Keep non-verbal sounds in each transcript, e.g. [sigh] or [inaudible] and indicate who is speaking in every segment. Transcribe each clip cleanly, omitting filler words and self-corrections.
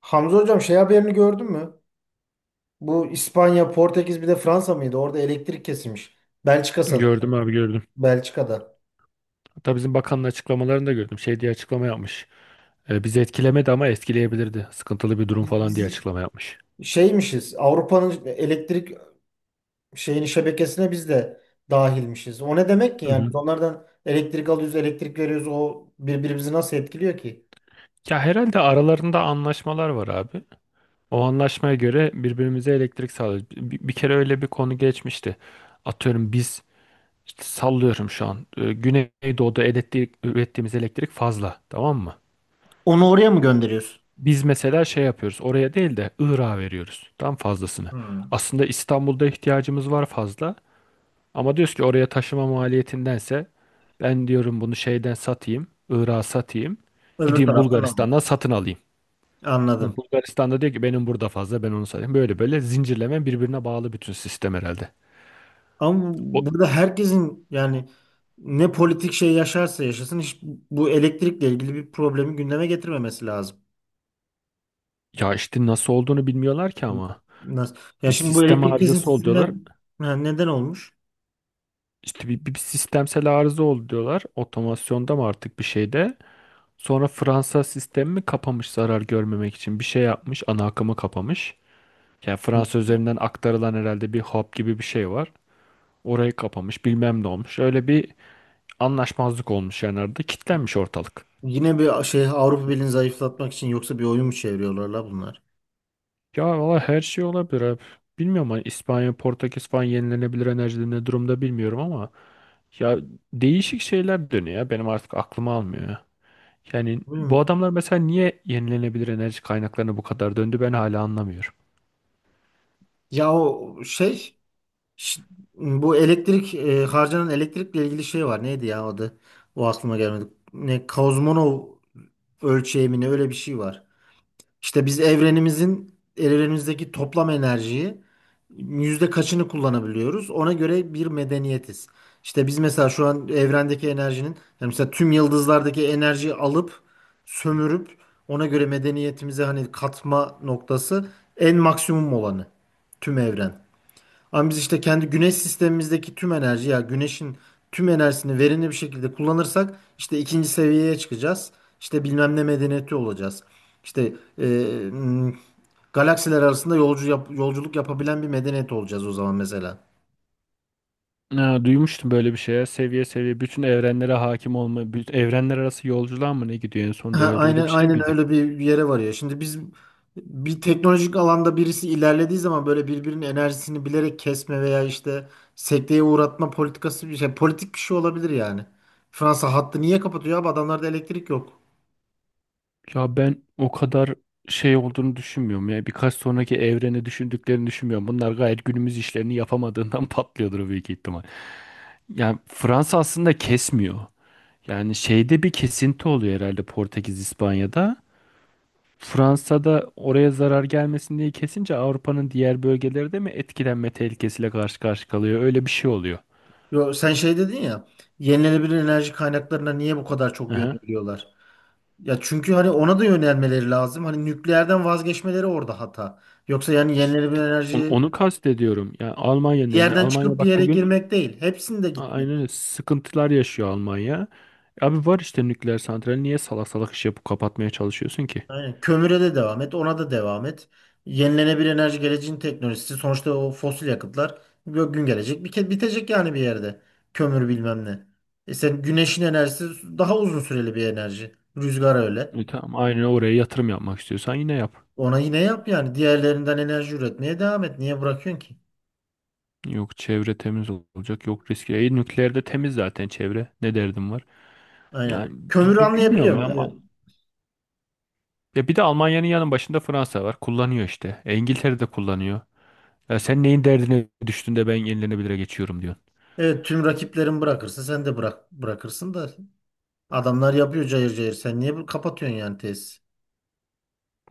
Speaker 1: Hamza hocam şey haberini gördün mü? Bu İspanya, Portekiz bir de Fransa mıydı? Orada elektrik kesilmiş. Belçika sanırım.
Speaker 2: Gördüm abi, gördüm.
Speaker 1: Belçika'da.
Speaker 2: Hatta bizim bakanın açıklamalarını da gördüm. Şey diye açıklama yapmış. Bizi etkilemedi ama etkileyebilirdi. Sıkıntılı bir durum
Speaker 1: Biz,
Speaker 2: falan diye
Speaker 1: biz
Speaker 2: açıklama yapmış.
Speaker 1: şeymişiz. Avrupa'nın elektrik şeyini şebekesine biz de dahilmişiz. O ne demek ki
Speaker 2: Hı
Speaker 1: yani? Biz
Speaker 2: hı.
Speaker 1: onlardan elektrik alıyoruz, elektrik veriyoruz. O birbirimizi nasıl etkiliyor ki?
Speaker 2: Ya herhalde aralarında anlaşmalar var abi. O anlaşmaya göre birbirimize elektrik sağlıyoruz. Bir kere öyle bir konu geçmişti. Atıyorum biz işte, sallıyorum şu an. Güneydoğu'da elektrik, ürettiğimiz elektrik fazla. Tamam mı?
Speaker 1: Onu oraya mı gönderiyorsun?
Speaker 2: Biz mesela şey yapıyoruz. Oraya değil de Irak'a veriyoruz, tam fazlasını.
Speaker 1: Hmm.
Speaker 2: Aslında İstanbul'da ihtiyacımız var fazla. Ama diyoruz ki oraya taşıma maliyetindense ben diyorum bunu şeyden satayım, Irak'a satayım.
Speaker 1: Öbür
Speaker 2: Gideyim
Speaker 1: taraftan alın.
Speaker 2: Bulgaristan'dan satın alayım. Yani
Speaker 1: Anladım.
Speaker 2: Bulgaristan'da diyor ki benim burada fazla, ben onu satayım. Böyle böyle zincirleme birbirine bağlı bütün sistem herhalde.
Speaker 1: Ama
Speaker 2: O,
Speaker 1: burada herkesin yani ne politik şey yaşarsa yaşasın hiç bu elektrikle ilgili bir problemi gündeme getirmemesi lazım.
Speaker 2: ya işte nasıl olduğunu bilmiyorlar ki ama.
Speaker 1: Nasıl? Ya
Speaker 2: Bir
Speaker 1: şimdi bu
Speaker 2: sistem
Speaker 1: elektrik
Speaker 2: arızası ol diyorlar.
Speaker 1: kesintisinden ha, neden olmuş?
Speaker 2: İşte bir sistemsel arıza oldu diyorlar. Otomasyonda mı artık bir şeyde. Sonra Fransa sistemi mi kapamış zarar görmemek için. Bir şey yapmış, ana akımı kapamış. Yani
Speaker 1: Hı.
Speaker 2: Fransa üzerinden aktarılan herhalde bir hap gibi bir şey var. Orayı kapamış, bilmem ne olmuş. Öyle bir anlaşmazlık olmuş yani, arada kilitlenmiş ortalık.
Speaker 1: Yine bir şey Avrupa Birliği'ni zayıflatmak için yoksa bir oyun mu çeviriyorlar la bunlar?
Speaker 2: Ya valla her şey olabilir abi. Bilmiyorum, hani İspanya, Portekiz falan yenilenebilir enerjide ne durumda bilmiyorum ama ya değişik şeyler dönüyor ya. Benim artık aklım almıyor ya. Yani bu
Speaker 1: Bilmiyorum.
Speaker 2: adamlar mesela niye yenilenebilir enerji kaynaklarına bu kadar döndü ben hala anlamıyorum.
Speaker 1: Ya o şey ş- bu elektrik harcanan elektrikle ilgili şey var. Neydi ya adı? O aklıma gelmedi. Ne Kozmonov ölçeği mi ne öyle bir şey var. İşte biz evrenimizdeki toplam enerjiyi yüzde kaçını kullanabiliyoruz? Ona göre bir medeniyetiz. İşte biz mesela şu an evrendeki enerjinin yani mesela tüm yıldızlardaki enerjiyi alıp sömürüp ona göre medeniyetimize hani katma noktası en maksimum olanı tüm evren. Ama biz işte kendi güneş sistemimizdeki tüm enerji ya güneşin tüm enerjisini verimli bir şekilde kullanırsak işte ikinci seviyeye çıkacağız. İşte bilmem ne medeniyeti olacağız. İşte e, m, galaksiler arasında yolculuk yapabilen bir medeniyet olacağız o zaman mesela.
Speaker 2: Ha, duymuştum böyle bir şeye. Seviye seviye bütün evrenlere hakim olma, bütün evrenler arası yolculuğa mı ne gidiyor en son
Speaker 1: Ha,
Speaker 2: derece, öyle
Speaker 1: aynen
Speaker 2: bir şey
Speaker 1: aynen
Speaker 2: miydi?
Speaker 1: öyle bir yere varıyor. Şimdi biz bir teknolojik alanda birisi ilerlediği zaman böyle birbirinin enerjisini bilerek kesme veya işte sekteye uğratma politikası bir şey politik bir şey olabilir yani. Fransa hattı niye kapatıyor abi? Adamlarda elektrik yok.
Speaker 2: Ya ben o kadar şey olduğunu düşünmüyorum ya. Birkaç sonraki evreni düşündüklerini düşünmüyorum. Bunlar gayet günümüz işlerini yapamadığından [laughs] patlıyordur büyük ihtimal. Yani Fransa aslında kesmiyor. Yani şeyde bir kesinti oluyor herhalde, Portekiz, İspanya'da. Fransa'da oraya zarar gelmesin diye kesince Avrupa'nın diğer bölgeleri de mi etkilenme tehlikesiyle karşı karşıya kalıyor? Öyle bir şey oluyor.
Speaker 1: Yo, sen şey dedin ya yenilenebilir enerji kaynaklarına niye bu kadar çok yöneliyorlar? Ya çünkü hani ona da yönelmeleri lazım. Hani nükleerden vazgeçmeleri orada hata. Yoksa yani
Speaker 2: İşte
Speaker 1: yenilenebilir enerji
Speaker 2: onu kastediyorum. Yani Almanya'nın
Speaker 1: bir
Speaker 2: elinde.
Speaker 1: yerden
Speaker 2: Almanya
Speaker 1: çıkıp bir
Speaker 2: bak
Speaker 1: yere
Speaker 2: bugün
Speaker 1: girmek değil. Hepsinde gitmek.
Speaker 2: aynen öyle sıkıntılar yaşıyor Almanya. Abi var işte nükleer santral. Niye salak salak iş yapıp kapatmaya çalışıyorsun ki?
Speaker 1: Aynen. Kömüre de devam et, ona da devam et. Yenilenebilir enerji geleceğin teknolojisi. Sonuçta o fosil yakıtlar bir gün gelecek. Bir kez bitecek yani bir yerde. Kömür bilmem ne. E sen güneşin enerjisi daha uzun süreli bir enerji. Rüzgar öyle.
Speaker 2: Tamam, aynen, oraya yatırım yapmak istiyorsan yine yap.
Speaker 1: Ona yine yap yani. Diğerlerinden enerji üretmeye devam et. Niye bırakıyorsun ki?
Speaker 2: Yok çevre temiz olacak. Yok riski. Nükleerde temiz zaten çevre. Ne derdim var?
Speaker 1: Aynen.
Speaker 2: Yani
Speaker 1: Kömürü
Speaker 2: bilmiyorum ya.
Speaker 1: anlayabiliyorum. Evet.
Speaker 2: Ya bir de Almanya'nın yanın başında Fransa var. Kullanıyor işte. İngiltere de kullanıyor. Ya sen neyin derdine düştün de ben yenilenebilire geçiyorum diyorsun.
Speaker 1: Evet tüm rakiplerin bırakırsa sen de bırak bırakırsın da adamlar yapıyor cayır cayır. Sen niye kapatıyorsun yani tesis?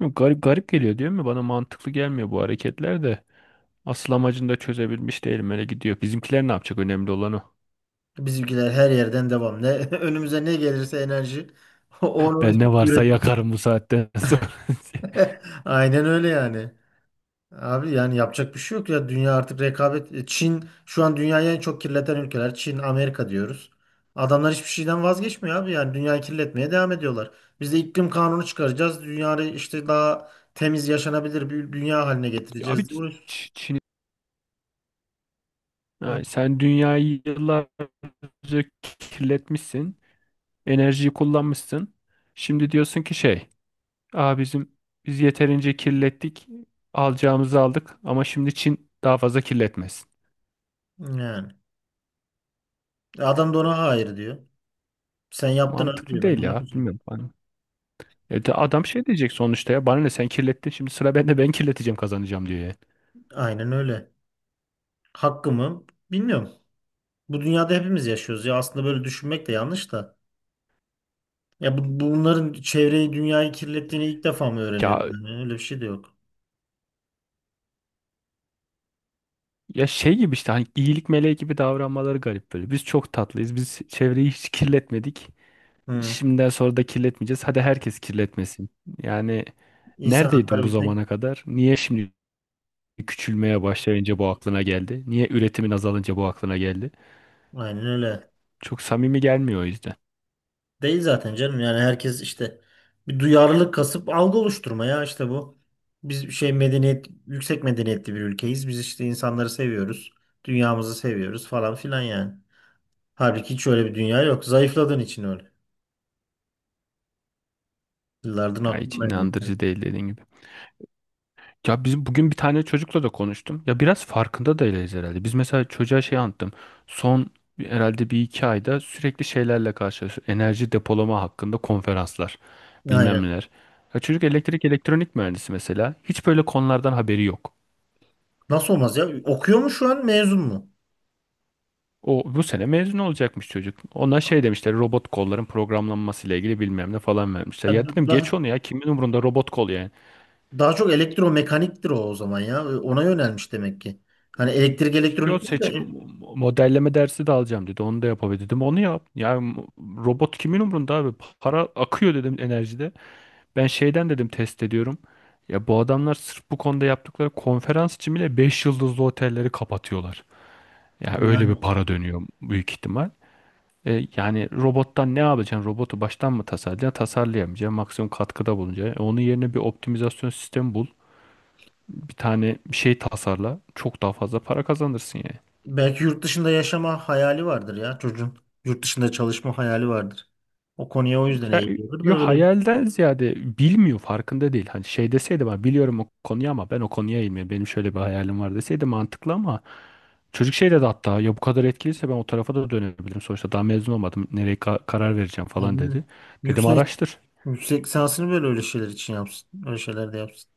Speaker 2: Yok, garip garip geliyor değil mi? Bana mantıklı gelmiyor bu hareketler de. Asıl amacını da çözebilmiş değilim. Öyle gidiyor. Bizimkiler ne yapacak? Önemli olan o.
Speaker 1: Bizimkiler her yerden devam. Ne [laughs] önümüze ne gelirse enerji [laughs] onu
Speaker 2: Ben ne
Speaker 1: [laughs]
Speaker 2: varsa
Speaker 1: üretim.
Speaker 2: yakarım bu saatten sonra. [laughs]
Speaker 1: [laughs] Aynen öyle yani. Abi yani yapacak bir şey yok ya. Dünya artık rekabet. Çin şu an dünyayı en çok kirleten ülkeler. Çin, Amerika diyoruz. Adamlar hiçbir şeyden vazgeçmiyor abi. Yani dünyayı kirletmeye devam ediyorlar. Biz de iklim kanunu çıkaracağız. Dünyayı işte daha temiz yaşanabilir bir dünya haline
Speaker 2: Ya abi,
Speaker 1: getireceğiz diye uğraşıyoruz.
Speaker 2: Çin,
Speaker 1: Hı.
Speaker 2: ha, sen dünyayı yıllarca kirletmişsin. Enerjiyi kullanmışsın. Şimdi diyorsun ki şey. Aa, biz yeterince kirlettik. Alacağımızı aldık. Ama şimdi Çin daha fazla kirletmesin.
Speaker 1: Yani. Adam da ona hayır diyor. Sen yaptın abi
Speaker 2: Mantıklı
Speaker 1: diyor. Ben
Speaker 2: değil
Speaker 1: de
Speaker 2: ya.
Speaker 1: yapacağım.
Speaker 2: Bilmiyorum. De adam şey diyecek sonuçta, ya bana ne, sen kirlettin şimdi sıra bende, ben kirleteceğim, kazanacağım diyor ya.
Speaker 1: Aynen öyle. Hakkımı bilmiyorum. Bu dünyada hepimiz yaşıyoruz ya aslında böyle düşünmek de yanlış da. Ya bu, bunların çevreyi dünyayı kirlettiğini ilk defa mı öğreniyoruz?
Speaker 2: Ya
Speaker 1: Yani öyle bir şey de yok.
Speaker 2: ya şey gibi işte, hani iyilik meleği gibi davranmaları garip böyle. Biz çok tatlıyız. Biz çevreyi hiç kirletmedik.
Speaker 1: Hı.
Speaker 2: Şimdiden sonra da kirletmeyeceğiz. Hadi herkes kirletmesin. Yani
Speaker 1: İnsan
Speaker 2: neredeydin
Speaker 1: hakları
Speaker 2: bu
Speaker 1: bir tek
Speaker 2: zamana kadar? Niye şimdi küçülmeye başlayınca bu aklına geldi? Niye üretimin azalınca bu aklına geldi?
Speaker 1: aynen öyle.
Speaker 2: Çok samimi gelmiyor o yüzden.
Speaker 1: Değil zaten canım yani herkes işte bir duyarlılık kasıp algı oluşturma ya işte bu. Biz bir şey medeniyet yüksek medeniyetli bir ülkeyiz. Biz işte insanları seviyoruz. Dünyamızı seviyoruz falan filan yani. Halbuki hiç öyle bir dünya yok. Zayıfladığın için öyle. Yıllardır
Speaker 2: Ya hiç
Speaker 1: aklımda.
Speaker 2: inandırıcı değil, dediğin gibi. Ya biz bugün, bir tane çocukla da konuştum. Ya biraz farkında da değiliz herhalde. Biz mesela çocuğa şey anlattım. Son herhalde bir iki ayda sürekli şeylerle karşılaşıyoruz. Enerji depolama hakkında konferanslar, bilmem
Speaker 1: Aynen.
Speaker 2: neler. Ya çocuk elektrik elektronik mühendisi mesela. Hiç böyle konulardan haberi yok.
Speaker 1: Nasıl olmaz ya? Okuyor mu şu an mezun mu?
Speaker 2: O bu sene mezun olacakmış çocuk. Ona şey demişler, robot kolların programlanması ile ilgili bilmem ne falan vermişler. Ya dedim
Speaker 1: Daha,
Speaker 2: geç onu ya, kimin umurunda robot kol yani.
Speaker 1: daha çok elektromekaniktir o zaman ya. Ona yönelmiş demek ki. Hani elektrik
Speaker 2: Ki o
Speaker 1: elektronik değil
Speaker 2: seçim
Speaker 1: de
Speaker 2: modelleme dersi de alacağım dedi. Onu da yapabilir dedim. Onu yap. Robot kimin umrunda abi? Para akıyor dedim enerjide. Ben şeyden dedim, test ediyorum. Ya bu adamlar sırf bu konuda yaptıkları konferans için bile 5 yıldızlı otelleri kapatıyorlar. Ya öyle bir
Speaker 1: yani
Speaker 2: para dönüyor büyük ihtimal. Yani robottan ne yapacaksın? Robotu baştan mı tasarlayacaksın? Tasarlayamayacaksın. Maksimum katkıda bulunacaksın. Onun yerine bir optimizasyon sistemi bul. Bir tane bir şey tasarla. Çok daha fazla para kazanırsın yani.
Speaker 1: belki yurt dışında yaşama hayali vardır ya çocuğun. Yurt dışında çalışma hayali vardır. O konuya o yüzden
Speaker 2: Ya,
Speaker 1: eğiliyordur da
Speaker 2: yo,
Speaker 1: öyle
Speaker 2: hayalden ziyade bilmiyor, farkında değil. Hani şey deseydi, ben biliyorum o konuyu ama ben o konuya eğilmiyorum, benim şöyle bir hayalim var deseydi mantıklı, ama çocuk şey dedi hatta, ya bu kadar etkiliyse ben o tarafa da dönebilirim. Sonuçta daha mezun olmadım. Nereye karar vereceğim falan
Speaker 1: yani
Speaker 2: dedi. Dedim
Speaker 1: yüksek
Speaker 2: araştır.
Speaker 1: yüksek lisansını böyle öyle şeyler için yapsın. Öyle şeyler de yapsın.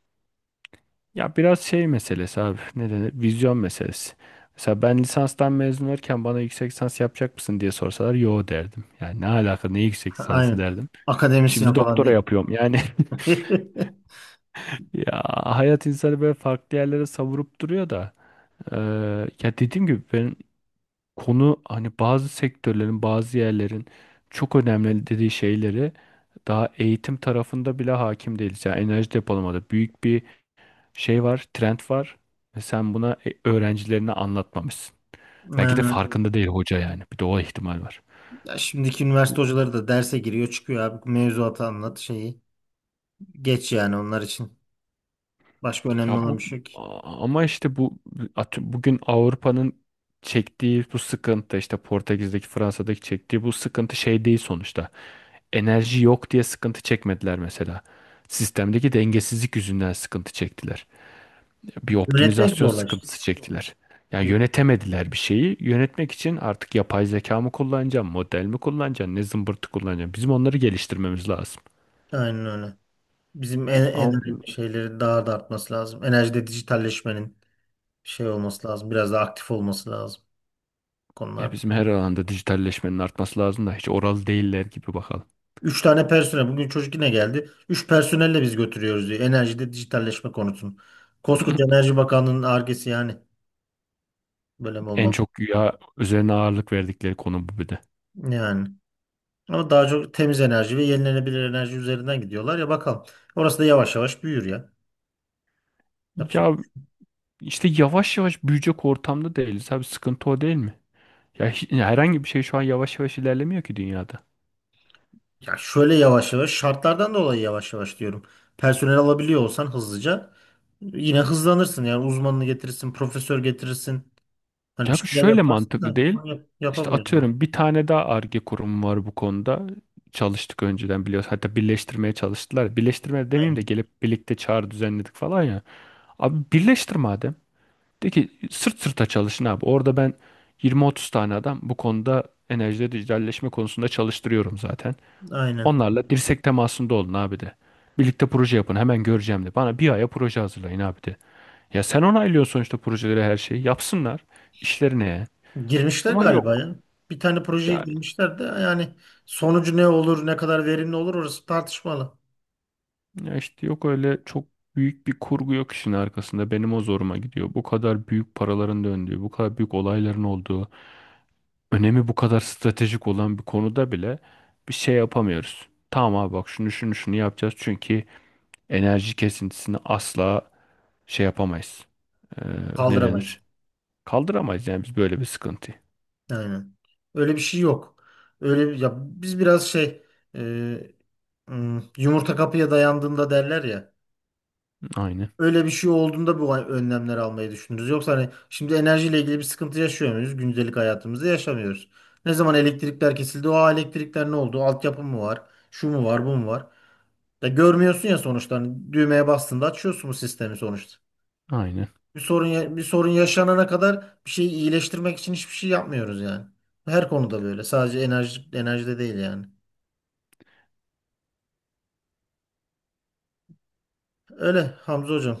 Speaker 2: Ya biraz şey meselesi abi. Ne denir? Vizyon meselesi. Mesela ben lisanstan mezun olurken bana yüksek lisans yapacak mısın diye sorsalar yo derdim. Yani ne alaka, ne yüksek
Speaker 1: Ha,
Speaker 2: lisansı
Speaker 1: aynen.
Speaker 2: derdim.
Speaker 1: Akademisyen
Speaker 2: Şimdi
Speaker 1: falan
Speaker 2: doktora
Speaker 1: diye.
Speaker 2: yapıyorum yani. [laughs]
Speaker 1: [laughs]
Speaker 2: Ya hayat insanı böyle farklı yerlere savurup duruyor da eee, ya dediğim gibi ben, konu hani bazı sektörlerin, bazı yerlerin çok önemli dediği şeyleri daha eğitim tarafında bile hakim değiliz. Yani enerji depolamada büyük bir şey var, trend var ve sen buna öğrencilerine anlatmamışsın. Belki de
Speaker 1: Yani,
Speaker 2: farkında değil hoca yani. Bir de o ihtimal var.
Speaker 1: ya şimdiki üniversite hocaları da derse giriyor çıkıyor abi mevzuatı anlat şeyi. Geç yani onlar için. Başka önemli
Speaker 2: Ya
Speaker 1: olan
Speaker 2: bu
Speaker 1: bir şey yok ki.
Speaker 2: ama işte bu bugün Avrupa'nın çektiği bu sıkıntı, işte Portekiz'deki, Fransa'daki çektiği bu sıkıntı şey değil sonuçta. Enerji yok diye sıkıntı çekmediler mesela. Sistemdeki dengesizlik yüzünden sıkıntı çektiler. Bir
Speaker 1: Yönetmek
Speaker 2: optimizasyon
Speaker 1: zorlaştı.
Speaker 2: sıkıntısı çektiler. Yani
Speaker 1: Yön-
Speaker 2: yönetemediler bir şeyi. Yönetmek için artık yapay zeka mı kullanacağım, model mi kullanacağım, ne zımbırtı kullanacağım. Bizim onları geliştirmemiz
Speaker 1: Aynen öyle. Bizim en enerji
Speaker 2: lazım.
Speaker 1: şeyleri daha da artması lazım. Enerjide dijitalleşmenin şey olması lazım. Biraz daha aktif olması lazım
Speaker 2: Ya
Speaker 1: konularda.
Speaker 2: bizim her alanda dijitalleşmenin artması lazım da hiç oral değiller gibi, bakalım.
Speaker 1: Üç tane personel. Bugün çocuk yine geldi. Üç personelle biz götürüyoruz diyor. Enerjide dijitalleşme konusunu. Koskoca
Speaker 2: [laughs]
Speaker 1: Enerji Bakanlığı'nın argesi yani. Böyle mi
Speaker 2: En
Speaker 1: olmalı?
Speaker 2: çok ya üzerine ağırlık verdikleri konu bu bir de.
Speaker 1: Yani. Ama daha çok temiz enerji ve yenilenebilir enerji üzerinden gidiyorlar ya bakalım. Orası da yavaş yavaş büyür ya. Yapacak.
Speaker 2: Ya işte yavaş yavaş büyüyecek ortamda değiliz abi, sıkıntı o değil mi? Ya herhangi bir şey şu an yavaş yavaş ilerlemiyor ki dünyada.
Speaker 1: Ya şöyle yavaş yavaş şartlardan dolayı yavaş yavaş diyorum. Personel alabiliyor olsan hızlıca yine hızlanırsın yani uzmanını getirirsin, profesör getirirsin. Hani bir
Speaker 2: Ya bu
Speaker 1: şeyler
Speaker 2: şöyle
Speaker 1: yaparsın
Speaker 2: mantıklı
Speaker 1: da
Speaker 2: değil.
Speaker 1: onu yap
Speaker 2: İşte
Speaker 1: yapamıyoruz onu.
Speaker 2: atıyorum bir tane daha Ar-Ge kurumu var bu konuda. Çalıştık önceden, biliyoruz. Hatta birleştirmeye çalıştılar. Birleştirme demeyeyim de
Speaker 1: Aynen.
Speaker 2: gelip birlikte çağrı düzenledik falan ya. Abi birleştir madem. De ki sırt sırta çalışın abi. Orada ben 20-30 tane adam bu konuda, enerjide dijitalleşme konusunda çalıştırıyorum zaten.
Speaker 1: Aynen.
Speaker 2: Onlarla dirsek temasında olun abi de. Birlikte proje yapın, hemen göreceğim de. Bana bir aya proje hazırlayın abi de. Ya sen onaylıyorsun sonuçta projeleri, her şeyi. Yapsınlar işlerine.
Speaker 1: Girmişler
Speaker 2: Ama yok.
Speaker 1: galiba ya. Bir tane projeye
Speaker 2: Ya,
Speaker 1: girmişler de yani sonucu ne olur, ne kadar verimli olur orası tartışmalı.
Speaker 2: ya işte yok, öyle çok büyük bir kurgu yok işin arkasında. Benim o zoruma gidiyor. Bu kadar büyük paraların döndüğü, bu kadar büyük olayların olduğu, önemi bu kadar stratejik olan bir konuda bile bir şey yapamıyoruz. Tamam abi bak, şunu şunu şunu yapacağız çünkü enerji kesintisini asla şey yapamayız. Ee, ne
Speaker 1: Kaldıramayız.
Speaker 2: denir? Kaldıramayız yani biz böyle bir sıkıntıyı.
Speaker 1: Aynen. Öyle bir şey yok. Ya biz biraz şey e, yumurta kapıya dayandığında derler ya.
Speaker 2: Aynen.
Speaker 1: Öyle bir şey olduğunda bu önlemler almayı düşünürüz. Yoksa hani şimdi enerjiyle ilgili bir sıkıntı yaşıyor muyuz? Gündelik hayatımızda yaşamıyoruz. Ne zaman elektrikler kesildi? O elektrikler ne oldu? Altyapı mı var? Şu mu var? Bu mu var? Ya görmüyorsun ya sonuçta. Hani düğmeye bastığında açıyorsun bu sistemi sonuçta.
Speaker 2: Aynen.
Speaker 1: Bir sorun yaşanana kadar bir şeyi iyileştirmek için hiçbir şey yapmıyoruz yani. Her konuda böyle. Sadece enerjide değil yani. Öyle Hamza hocam.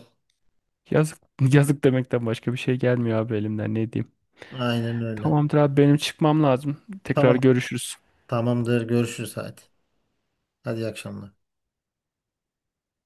Speaker 2: Yazık, yazık demekten başka bir şey gelmiyor abi, elimden ne diyeyim.
Speaker 1: Aynen öyle.
Speaker 2: Tamamdır abi, benim çıkmam lazım. Tekrar
Speaker 1: Tamam.
Speaker 2: görüşürüz.
Speaker 1: Tamamdır. Görüşürüz hadi. Hadi iyi akşamlar.